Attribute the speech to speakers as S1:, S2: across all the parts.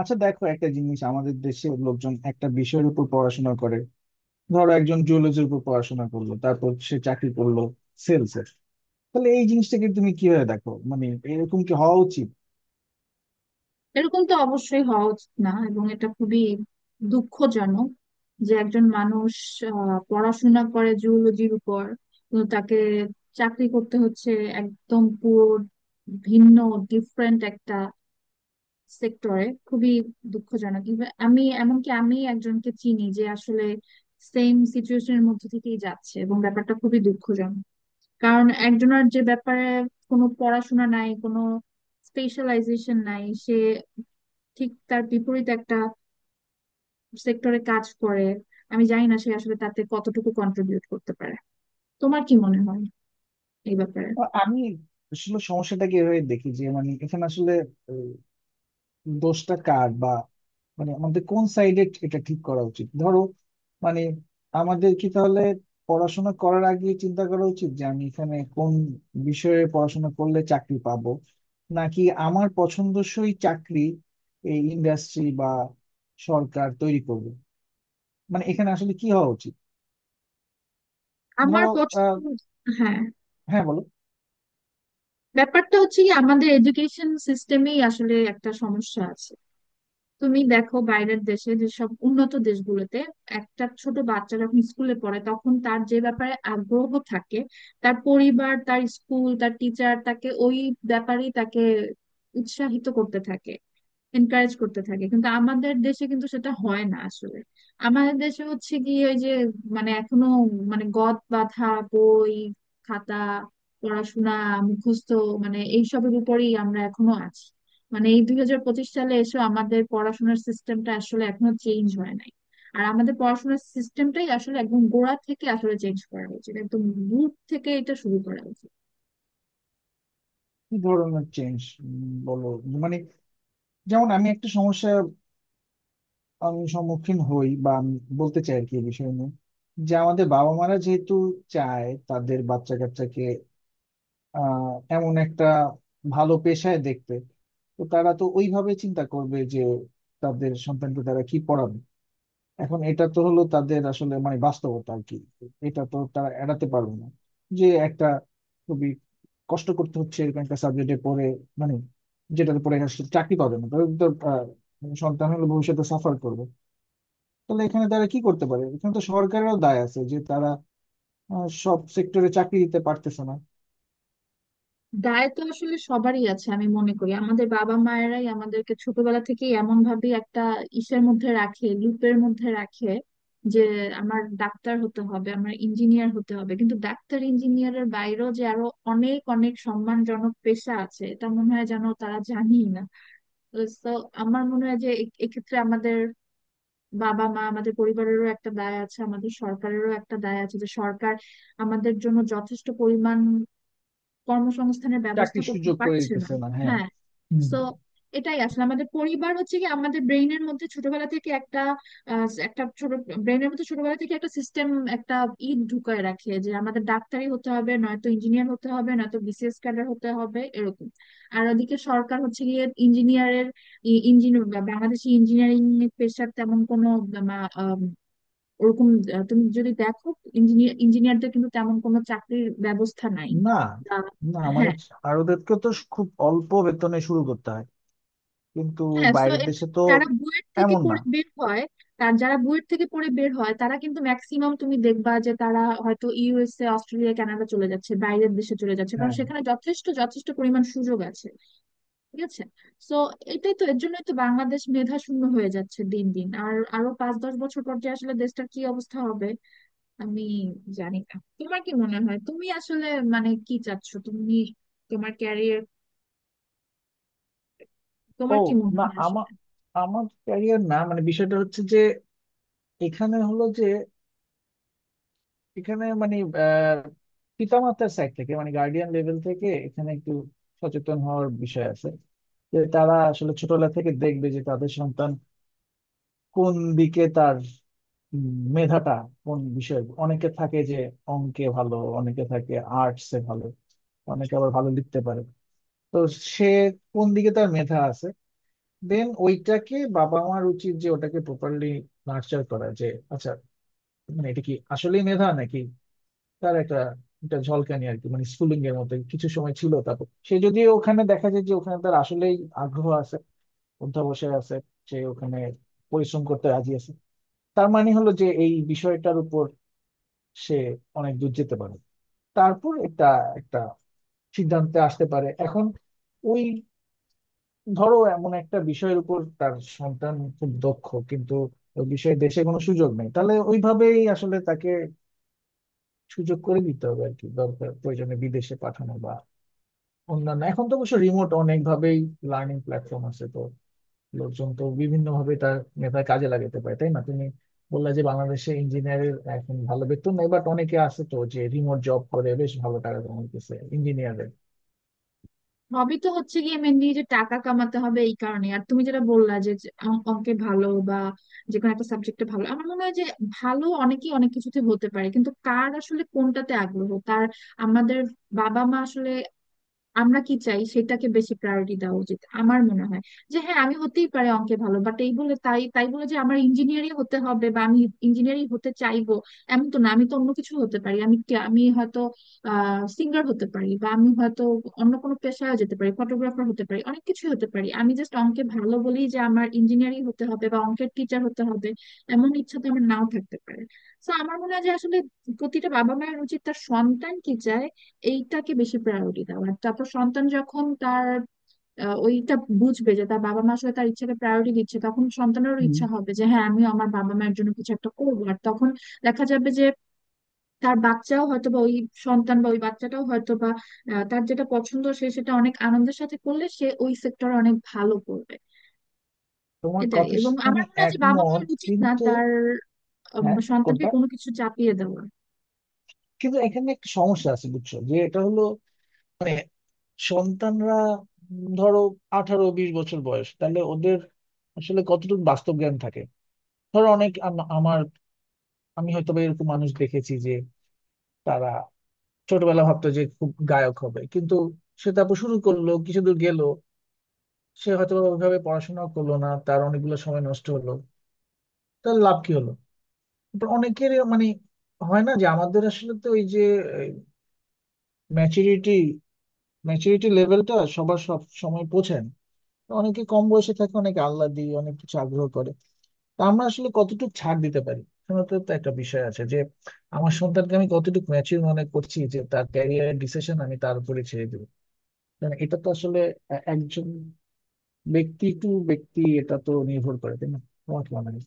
S1: আচ্ছা দেখো, একটা জিনিস, আমাদের দেশের লোকজন একটা বিষয়ের উপর পড়াশোনা করে। ধরো, একজন জুলজির উপর পড়াশোনা করলো, তারপর সে চাকরি করলো সেলস এর। তাহলে এই জিনিসটাকে তুমি কিভাবে দেখো? মানে এরকম কি হওয়া উচিত?
S2: এরকম তো অবশ্যই হওয়া উচিত না, এবং এটা খুবই দুঃখজনক যে একজন মানুষ পড়াশোনা করে জুওলজির উপর কিন্তু তাকে চাকরি করতে হচ্ছে একদম পুরো ভিন্ন ডিফারেন্ট একটা সেক্টরে। খুবই দুঃখজনক। Even আমি এমনকি আমি একজনকে চিনি যে আসলে সেম সিচুয়েশনের মধ্যে থেকেই যাচ্ছে, এবং ব্যাপারটা খুবই দুঃখজনক, কারণ একজনের যে ব্যাপারে কোনো পড়াশোনা নাই, কোনো স্পেশালাইজেশন নাই, সে ঠিক তার বিপরীত একটা সেক্টরে কাজ করে। আমি জানি না সে আসলে তাতে কতটুকু কন্ট্রিবিউট করতে পারে। তোমার কি মনে হয় এই ব্যাপারে?
S1: আমি আসলে সমস্যাটাকে এভাবে দেখি যে, মানে এখানে আসলে দোষটা কার, বা মানে আমাদের কোন সাইডে এটা ঠিক করা উচিত? ধরো, মানে আমাদের কি তাহলে পড়াশোনা করার আগে চিন্তা করা উচিত যে আমি এখানে কোন বিষয়ে পড়াশোনা করলে চাকরি পাবো, নাকি আমার পছন্দসই চাকরি এই ইন্ডাস্ট্রি বা সরকার তৈরি করবে? মানে এখানে আসলে কি হওয়া উচিত?
S2: আমার
S1: ধরো আহ
S2: পছন্দ। হ্যাঁ,
S1: হ্যাঁ বলো।
S2: ব্যাপারটা হচ্ছে কি, আমাদের এডুকেশন সিস্টেমেই আসলে একটা সমস্যা আছে। তুমি দেখো, বাইরের দেশে, যেসব উন্নত দেশগুলোতে একটা ছোট বাচ্চা যখন স্কুলে পড়ে তখন তার যে ব্যাপারে আগ্রহ থাকে, তার পরিবার, তার স্কুল, তার টিচার তাকে ওই ব্যাপারেই তাকে উৎসাহিত করতে থাকে, এনকারেজ করতে থাকে। কিন্তু আমাদের দেশে কিন্তু সেটা হয় না আসলে। আমাদের দেশে হচ্ছে কি, ওই যে মানে এখনো মানে গদ বাঁধা বই, খাতা, পড়াশোনা, মুখস্থ, মানে এইসবের উপরেই আমরা এখনো আছি। মানে এই 2025 সালে এসে আমাদের পড়াশোনার সিস্টেমটা আসলে এখনো চেঞ্জ হয় নাই। আর আমাদের পড়াশোনার সিস্টেমটাই আসলে একদম গোড়া থেকে আসলে চেঞ্জ করা উচিত, একদম রুট থেকে এটা শুরু করা উচিত।
S1: কি ধরনের চেঞ্জ, বলো। মানে যেমন আমি একটা সমস্যা, আমি সম্মুখীন হই, বা আমি বলতে চাই আর কি এই বিষয় নিয়ে, যে আমাদের বাবা মারা যেহেতু চায় তাদের বাচ্চা কাচ্চাকে আহ এমন একটা ভালো পেশায় দেখতে, তো তারা তো ওইভাবে চিন্তা করবে যে তাদের সন্তানকে তারা কি পড়াবে। এখন এটা তো হলো তাদের আসলে মানে বাস্তবতা আর কি, এটা তো তারা এড়াতে পারবে না। যে একটা খুবই কষ্ট করতে হচ্ছে এরকম একটা সাবজেক্টে পড়ে, মানে যেটাতে পড়ে আসলে চাকরি পাবে না, তাদের তো সন্তান হলে ভবিষ্যতে সাফার করবে। তাহলে এখানে তারা কি করতে পারে? এখানে তো সরকারেরও দায় আছে যে তারা সব সেক্টরে চাকরি দিতে পারতেছে না।
S2: দায় তো আসলে সবারই আছে। আমি মনে করি আমাদের বাবা মায়েরাই আমাদেরকে ছোটবেলা থেকে এমন ভাবে একটা ইসের মধ্যে রাখে, লুপের মধ্যে রাখে, যে আমার ডাক্তার হতে হবে, আমার ইঞ্জিনিয়ার হতে হবে, কিন্তু ডাক্তার ইঞ্জিনিয়ারের বাইরেও যে আরো অনেক অনেক সম্মানজনক পেশা আছে এটা মনে হয় যেন তারা জানেই না। তো আমার মনে হয় যে এক্ষেত্রে আমাদের বাবা মা, আমাদের পরিবারেরও একটা দায় আছে, আমাদের সরকারেরও একটা দায় আছে, যে সরকার আমাদের জন্য যথেষ্ট পরিমাণ কর্মসংস্থানের ব্যবস্থা
S1: চাকরির
S2: করতে
S1: সুযোগ করে
S2: পারছে না।
S1: দিতেছে না, হ্যাঁ।
S2: হ্যাঁ।
S1: হুম।
S2: সো এটাই আসলে আমাদের পরিবার হচ্ছে কি আমাদের ব্রেইনের মধ্যে ছোটবেলা থেকে একটা একটা ছোট ব্রেইনের মধ্যে ছোটবেলা থেকে একটা সিস্টেম, একটা ই ঢুকায় রাখে যে আমাদের ডাক্তারই হতে হবে, নয়তো ইঞ্জিনিয়ার হতে হবে, নয়তো বিসিএস ক্যাডার হতে হবে এরকম। আর ওদিকে সরকার হচ্ছে গিয়ে ইঞ্জিনিয়ারের, ইঞ্জিনিয়ার বাংলাদেশি ইঞ্জিনিয়ারিং পেশার তেমন কোনো ওরকম তুমি যদি দেখো, ইঞ্জিনিয়ার ইঞ্জিনিয়ারদের কিন্তু তেমন কোনো চাকরির ব্যবস্থা নাই।
S1: না,
S2: আহ,
S1: না, মানে
S2: হ্যাঁ।
S1: ভারতেরকে তো খুব অল্প বেতনে শুরু করতে হয়, কিন্তু
S2: হ্যাঁ। সো
S1: বাইরের
S2: এর
S1: দেশে
S2: জন্য
S1: তো
S2: যারা বুয়েট থেকে
S1: এমন না।
S2: পড়ে বের হয়, তার যারা বুয়েট থেকে পড়ে বের হয় তারা কিন্তু ম্যাক্সিমাম তুমি দেখবা যে তারা হয়তো ইউএসএ, অস্ট্রেলিয়া, কানাডা চলে যাচ্ছে, বাইরের দেশে চলে যাচ্ছে, কারণ
S1: হ্যাঁ।
S2: সেখানে যথেষ্ট যথেষ্ট পরিমাণ সুযোগ আছে। ঠিক আছে। সো এটাই তো, এর জন্যই তো বাংলাদেশ মেধা শূন্য হয়ে যাচ্ছে দিন দিন। আর আরো 5-10 বছর পর যে আসলে দেশটার কি অবস্থা হবে আমি জানি না। তোমার কি মনে হয় তুমি আসলে মানে কি চাচ্ছ তুমি, তোমার ক্যারিয়ার?
S1: ও,
S2: তোমার কি মনে
S1: না
S2: হয়
S1: আমার,
S2: আসলে?
S1: আমার ক্যারিয়ার না, মানে বিষয়টা হচ্ছে যে এখানে হলো যে, এখানে মানে আহ পিতামাতার সাইড থেকে, মানে গার্ডিয়ান লেভেল থেকে এখানে একটু সচেতন হওয়ার বিষয় আছে, যে তারা আসলে ছোটবেলা থেকে দেখবে যে তাদের সন্তান কোন দিকে তার উম, মেধাটা কোন বিষয়ে। অনেকে থাকে যে অঙ্কে ভালো, অনেকে থাকে আর্টসে ভালো, অনেকে আবার ভালো লিখতে পারে। তো সে কোন দিকে তার মেধা আছে, দেন ওইটাকে বাবা মার উচিত যে ওটাকে প্রপারলি নার্চার করা। যে আচ্ছা, মানে এটা কি আসলেই মেধা, নাকি তার একটা একটা ঝলকানি আর কি, মানে স্কুলিং এর মধ্যে কিছু সময় ছিল। তারপর সে, যদিও ওখানে দেখা যায় যে ওখানে তার আসলেই আগ্রহ আছে, অধ্যবসায় আছে, সে ওখানে পরিশ্রম করতে রাজি আছে, তার মানে হলো যে এই বিষয়টার উপর সে অনেক দূর যেতে পারে। তারপর একটা একটা সিদ্ধান্তে আসতে পারে। এখন ওই ধরো এমন একটা বিষয়ের উপর তার সন্তান খুব দক্ষ, কিন্তু ওই বিষয়ে দেশে কোনো সুযোগ নেই, তাহলে ওইভাবেই আসলে তাকে সুযোগ করে দিতে হবে আর কি। দরকার, প্রয়োজনে বিদেশে পাঠানো, বা অন্যান্য। এখন তো অবশ্য রিমোট অনেক ভাবেই লার্নিং প্ল্যাটফর্ম আছে, তো লোকজন তো বিভিন্ন ভাবে তার মেধার কাজে লাগাতে পারে, তাই না? তুমি বললা যে বাংলাদেশে ইঞ্জিনিয়ারের এখন ভালো বেতন নেই, বাট অনেকে আছে তো যে রিমোট জব করে বেশ ভালো টাকা কামাইতেছে ইঞ্জিনিয়ারের।
S2: হবি তো হচ্ছে গিয়ে মেনলি যে টাকা কামাতে হবে এই কারণে। আর তুমি যেটা বললা যে যে অঙ্কে ভালো বা যে কোনো একটা সাবজেক্টে ভালো, আমার মনে হয় যে ভালো অনেকেই অনেক কিছুতে হতে পারে, কিন্তু কার আসলে কোনটাতে আগ্রহ, তার আমাদের বাবা মা আসলে আমরা কি চাই সেটাকে বেশি প্রায়োরিটি দেওয়া উচিত আমার মনে হয়। যে হ্যাঁ, আমি হতেই পারে অঙ্কে ভালো, বাট এই বলে তাই তাই বলে যে আমার ইঞ্জিনিয়ারিং হতে হবে বা আমি ইঞ্জিনিয়ারিং হতে চাইবো, এমন তো না। আমি তো অন্য কিছু হতে পারি। আমি আমি হয়তো সিঙ্গার হতে পারি, বা আমি হয়তো অন্য কোনো পেশায় যেতে পারি, ফটোগ্রাফার হতে পারি, অনেক কিছু হতে পারি। আমি জাস্ট অঙ্কে ভালো বলি যে আমার ইঞ্জিনিয়ারিং হতে হবে বা অঙ্কের টিচার হতে হবে এমন ইচ্ছা তো আমার নাও থাকতে পারে। তো আমার মনে হয় যে আসলে প্রতিটা বাবা মায়ের উচিত তার সন্তান কি চায় এইটাকে বেশি প্রায়োরিটি দাও, আর তারপর সন্তান যখন তার ওইটা বুঝবে যে তার বাবা মা আসলে তার ইচ্ছাকে প্রায়োরিটি দিচ্ছে, তখন সন্তানেরও
S1: হুম।
S2: ইচ্ছা হবে যে হ্যাঁ, আমিও আমার বাবা মায়ের জন্য কিছু একটা করবো। আর তখন দেখা যাবে যে তার বাচ্চাও হয়তো বা ওই সন্তান বা ওই বাচ্চাটাও হয়তো বা তার যেটা পছন্দ সে সেটা অনেক আনন্দের সাথে করলে সে ওই সেক্টরে অনেক ভালো করবে।
S1: তোমার
S2: এটাই।
S1: কথার
S2: এবং
S1: সাথে
S2: আমার
S1: আমি
S2: মনে হয় যে বাবা
S1: একমত,
S2: মায়ের উচিত না
S1: কিন্তু
S2: তার
S1: হ্যাঁ
S2: সন্তানকে
S1: কোনটা।
S2: কোনো কিছু চাপিয়ে দেওয়া।
S1: কিন্তু এখানে একটা সমস্যা আছে, বুঝছো? যে এটা হলো মানে সন্তানরা, ধরো 18-20 বছর বয়স, তাহলে ওদের আসলে কতটুকু বাস্তব জ্ঞান থাকে? ধরো, অনেক আমার, আমি হয়তো বা এরকম মানুষ দেখেছি যে তারা ছোটবেলা ভাবতো যে খুব গায়ক হবে, কিন্তু সে তারপর শুরু করলো, কিছু দূর গেল, সে হয়তো বা ওইভাবে পড়াশোনা করলো না, তার অনেকগুলো সময় নষ্ট হলো। তার লাভ কি হলো? তারপর অনেকের মানে হয় না যে আমাদের আসলে তো ওই যে ম্যাচুরিটি, লেভেলটা সবার সব সময় পৌঁছায় না। অনেকে কম বয়সে থাকে, অনেকে আল্লাহ দিয়ে অনেক কিছু আগ্রহ করে। তো আমরা আসলে কতটুকু ছাড় দিতে পারি? এখানে তো একটা বিষয় আছে যে আমার সন্তানকে আমি কতটুকু ম্যাচিউর মনে করছি যে তার ক্যারিয়ারের ডিসিশন আমি তার উপরে ছেড়ে দেবো। কারণ এটা তো আসলে একজন ব্যক্তি টু ব্যক্তি এটা তো নির্ভর করে, তাই না? তোমার কি মনে হয়?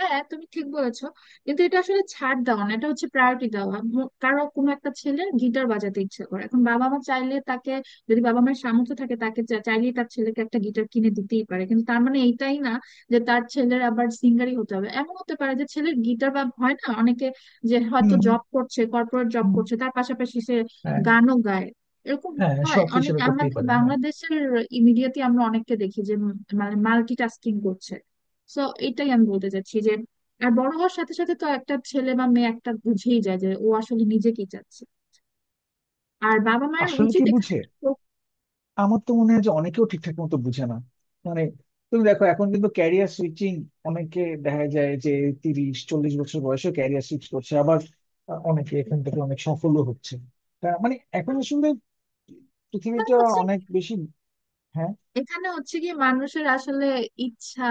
S2: হ্যাঁ, তুমি ঠিক বলেছো, কিন্তু এটা আসলে ছাড় দেওয়া না, এটা হচ্ছে প্রায়োরিটি দেওয়া। কারো কোনো একটা ছেলে গিটার বাজাতে ইচ্ছে করে, এখন বাবা মা চাইলে তাকে, যদি বাবা মায়ের সামর্থ্য থাকে তাকে চাইলেই তার ছেলেকে একটা গিটার কিনে দিতেই পারে। কিন্তু তার মানে এইটাই না যে তার ছেলের আবার সিঙ্গারই হতে হবে। এমন হতে পারে যে ছেলের গিটার, বা হয় না অনেকে যে
S1: হুম,
S2: হয়তো
S1: হুম।
S2: জব করছে, কর্পোরেট জব
S1: হুম।
S2: করছে তার পাশাপাশি সে
S1: হ্যাঁ।
S2: গানও গায়, এরকম
S1: হ্যাঁ,
S2: হয়
S1: শখ
S2: অনেক
S1: হিসেবে করতেই
S2: আমাদের
S1: পারে, হ্যাঁ।
S2: বাংলাদেশের। ইমিডিয়েটলি আমরা অনেককে দেখি যে মানে মাল্টিটাস্কিং করছে। সো এটাই আমি বলতে চাচ্ছি যে আর বড় হওয়ার সাথে সাথে তো একটা ছেলে বা মেয়ে একটা বুঝেই যায় যে ও আসলে নিজে কি চাচ্ছে, আর বাবা মায়ের
S1: আসলে
S2: উচিত
S1: কি
S2: এখানে
S1: বুঝে?
S2: একটা
S1: আমার তো মনে হয় যে অনেকেও ঠিকঠাক মতো বুঝে না। মানে তুমি দেখো এখন কিন্তু ক্যারিয়ার সুইচিং, অনেকে দেখা যায় যে 30-40 বছর বয়সে ক্যারিয়ার সুইচ করছে। আবার অনেকে এখান থেকে অনেক সফলও হচ্ছে। তা মানে এখন আসলে পৃথিবীটা
S2: প্রথা আছে।
S1: অনেক বেশি। হ্যাঁ।
S2: এখানে হচ্ছে কি মানুষের আসলে ইচ্ছা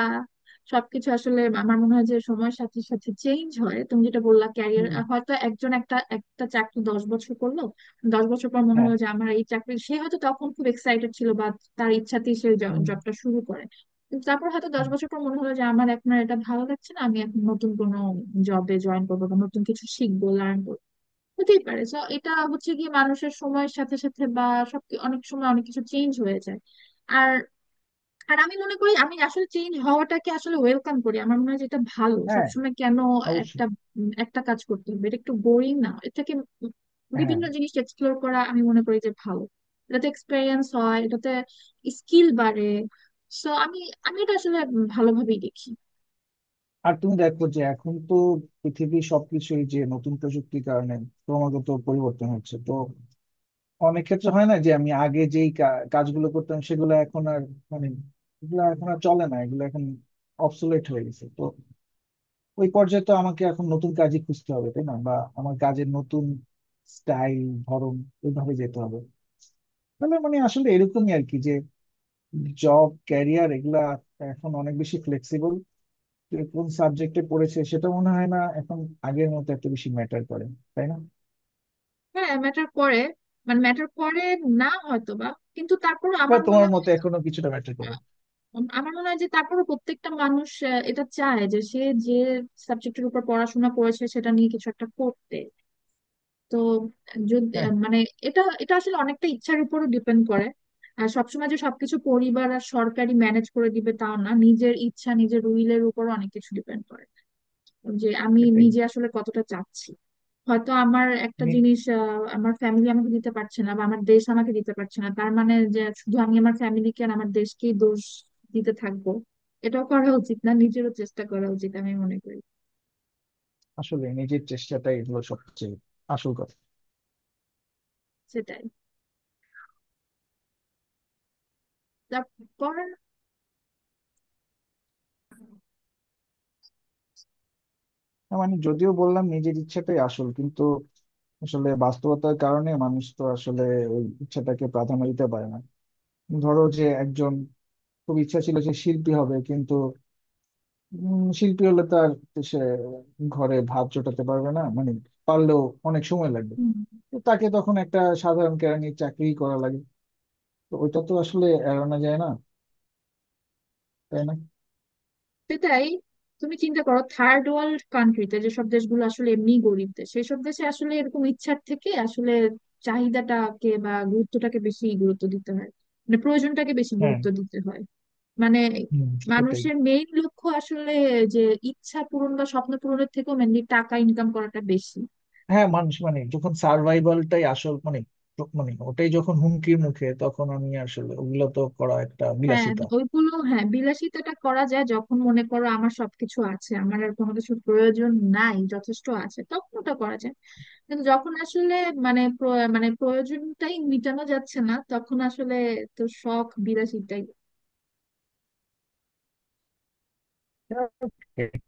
S2: সবকিছু আসলে আমার মনে হয় যে সময়ের সাথে সাথে চেঞ্জ হয়। তুমি যেটা বললা ক্যারিয়ার,
S1: হুম।
S2: হয়তো একজন একটা একটা চাকরি 10 বছর করলো, 10 বছর পর মনে
S1: হ্যাঁ।
S2: হলো যে আমার এই চাকরি, সে হয়তো তখন খুব এক্সাইটেড ছিল বা তার ইচ্ছাতেই সে
S1: হুম।
S2: জবটা শুরু করে, কিন্তু তারপর হয়তো দশ
S1: হুম,
S2: বছর পর মনে হলো যে আমার এখন আর এটা ভালো লাগছে না, আমি এখন নতুন কোনো জবে জয়েন করবো বা নতুন কিছু শিখবো, লার্ন করবো, হতেই পারে। তো এটা হচ্ছে কি মানুষের সময়ের সাথে সাথে বা সব অনেক সময় অনেক কিছু চেঞ্জ হয়ে যায়। আর আর আমি মনে করি আমি আসলে চেঞ্জ হওয়াটাকে আসলে ওয়েলকাম করি। আমার মনে হয় যেটা ভালো,
S1: হ্যাঁ,
S2: সবসময় কেন
S1: অবশ্যই।
S2: একটা একটা কাজ করতে হবে? এটা একটু বোরিং না? এর থেকে উম
S1: হ্যাঁ।
S2: বিভিন্ন জিনিস এক্সপ্লোর করা আমি মনে করি যে ভালো। এটাতে এক্সপেরিয়েন্স হয়, এটাতে স্কিল বাড়ে। সো আমি আমি এটা আসলে ভালোভাবেই দেখি।
S1: আর তুমি দেখো যে এখন তো পৃথিবী, সবকিছুই যে নতুন প্রযুক্তির কারণে ক্রমাগত পরিবর্তন হচ্ছে। তো অনেক ক্ষেত্রে হয় না যে আমি আগে যেই কাজগুলো করতাম, সেগুলো এখন আর মানে এগুলো এখন আর চলে না, এগুলো এখন অবসোলেট হয়ে গেছে। তো ওই পর্যায়ে তো আমাকে এখন নতুন কাজই খুঁজতে হবে, তাই না? বা আমার কাজের নতুন স্টাইল, ধরন, ওইভাবে যেতে হবে। তাহলে মানে আসলে এরকমই আর কি, যে জব ক্যারিয়ার এগুলা এখন অনেক বেশি ফ্লেক্সিবল। কোন সাবজেক্টে পড়েছে সেটা মনে হয় না এখন আগের মতো এত বেশি ম্যাটার করে, তাই না?
S2: হ্যাঁ ম্যাটার করে, মানে ম্যাটার করে না হয়তো বা, কিন্তু তারপর
S1: বা
S2: আমার
S1: তোমার
S2: মনে
S1: মতে
S2: হয় যে
S1: এখনো কিছুটা ম্যাটার করে?
S2: আমার মনে হয় যে তারপরে প্রত্যেকটা মানুষ এটা চায় যে সে যে সাবজেক্টের উপর পড়াশোনা করেছে সেটা নিয়ে কিছু একটা করতে। তো যদি
S1: হ্যাঁ,
S2: মানে এটা এটা আসলে অনেকটা ইচ্ছার উপরও ডিপেন্ড করে। আর সবসময় যে সবকিছু পরিবার আর সরকারি ম্যানেজ করে দিবে তাও না, নিজের ইচ্ছা, নিজের উইলের উপর অনেক কিছু ডিপেন্ড করে, যে আমি
S1: সেটাই।
S2: নিজে আসলে কতটা চাচ্ছি। হয়তো আমার একটা
S1: মানে
S2: জিনিস আমার ফ্যামিলি আমাকে দিতে পারছে না বা আমার দেশ আমাকে দিতে পারছে না, তার মানে যে শুধু আমি আমার ফ্যামিলিকে আর আমার দেশকেই দোষ দিতে থাকবো, এটাও করা উচিত না, নিজেরও চেষ্টা করা উচিত আমি মনে করি।
S1: আসলে নিজের চেষ্টাটাই এগুলো সবচেয়ে আসল কথা।
S2: সেটাই। তারপর
S1: না, মানে যদিও বললাম নিজের ইচ্ছাটাই আসল, কিন্তু আসলে বাস্তবতার কারণে মানুষ তো আসলে ওই ইচ্ছাটাকে প্রাধান্য দিতে পারে না। ধরো, যে একজন খুব ইচ্ছা ছিল যে শিল্পী হবে, কিন্তু শিল্পী হলে তার সে ঘরে ভাত জোটাতে পারবে না, মানে পারলেও অনেক সময় লাগবে।
S2: হুম,
S1: তো তাকে তখন একটা সাধারণ কেরানির চাকরি করা লাগে। তো ওইটা তো আসলে এড়ানো যায় না, তাই না?
S2: সেটাই। তুমি চিন্তা করো থার্ড ওয়ার্ল্ড কান্ট্রিতে, যেসব দেশগুলো আসলে এমনি গরিব দেশ, সেসব দেশে আসলে এরকম ইচ্ছার থেকে আসলে চাহিদাটাকে বা গুরুত্বটাকে বেশি গুরুত্ব দিতে হয়, মানে প্রয়োজনটাকে বেশি
S1: হ্যাঁ।
S2: গুরুত্ব দিতে হয়। মানে
S1: হুম, সেটাই।
S2: মানুষের মেইন লক্ষ্য আসলে যে ইচ্ছা পূরণ বা স্বপ্ন পূরণের থেকেও মেনলি টাকা ইনকাম করাটা বেশি।
S1: হ্যাঁ, মানুষ মানে যখন সার্ভাইভালটাই আসল, মানে মানে ওটাই যখন হুমকির মুখে, তখন আমি আসলে ওগুলো তো করা একটা
S2: হ্যাঁ,
S1: বিলাসিতা।
S2: ওইগুলো হ্যাঁ বিলাসিতাটা করা যায় যখন মনে করো আমার সবকিছু আছে, আমার আর কোনো কিছুর প্রয়োজন নাই, যথেষ্ট আছে, তখন ওটা করা যায়। কিন্তু যখন আসলে মানে মানে প্রয়োজনটাই মিটানো যাচ্ছে না, তখন আসলে তো শখ বিলাসিতাই।
S1: এটাই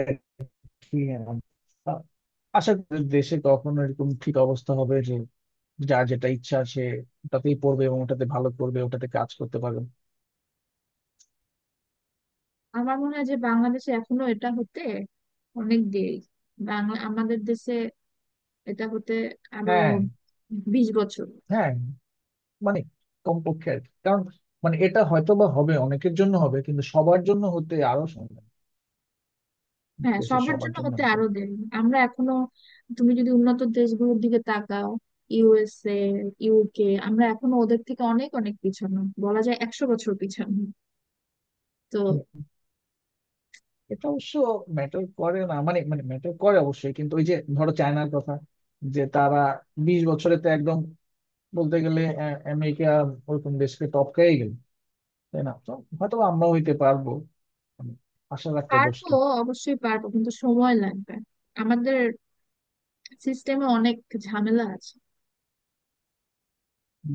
S1: আর কি আমার। আশা করি দেশে কখনো এরকম ঠিক অবস্থা হবে যে যার যেটা ইচ্ছা, সে ওটাতেই পড়বে এবং ওটাতে ভালো করবে, ওটাতে কাজ করতে পারবে।
S2: আমার মনে হয় যে বাংলাদেশে এখনো এটা হতে অনেক দেরি। বাংলা, আমাদের দেশে এটা হতে আরো
S1: হ্যাঁ।
S2: 20 বছর।
S1: হ্যাঁ, মানে কমপক্ষে আর কি। কারণ মানে এটা হয়তো বা হবে, অনেকের জন্য হবে, কিন্তু সবার জন্য হতে আরো সময় লাগবে।
S2: হ্যাঁ,
S1: দেশের
S2: সবার
S1: সবার
S2: জন্য
S1: জন্য
S2: হতে
S1: হতে
S2: আরো দেরি। আমরা এখনো, তুমি যদি উন্নত দেশগুলোর দিকে তাকাও, ইউএসএ, ইউকে, আমরা এখনো ওদের থেকে অনেক অনেক পিছানো বলা যায়, 100 বছর পিছানো। তো
S1: এটা অবশ্য ম্যাটার করে না, মানে মানে ম্যাটার করে অবশ্যই, কিন্তু ওই যে ধরো চায়নার কথা, যে তারা 20 বছরে তো একদম বলতে গেলে আমেরিকা ওরকম দেশকে টপকাই গেল, তাই না? তো হয়তো আমরাও হইতে পারবো, মানে আশা রাখতে দোষ
S2: পারবো, অবশ্যই পারবো, কিন্তু সময় লাগবে। আমাদের সিস্টেমে অনেক ঝামেলা আছে।
S1: কি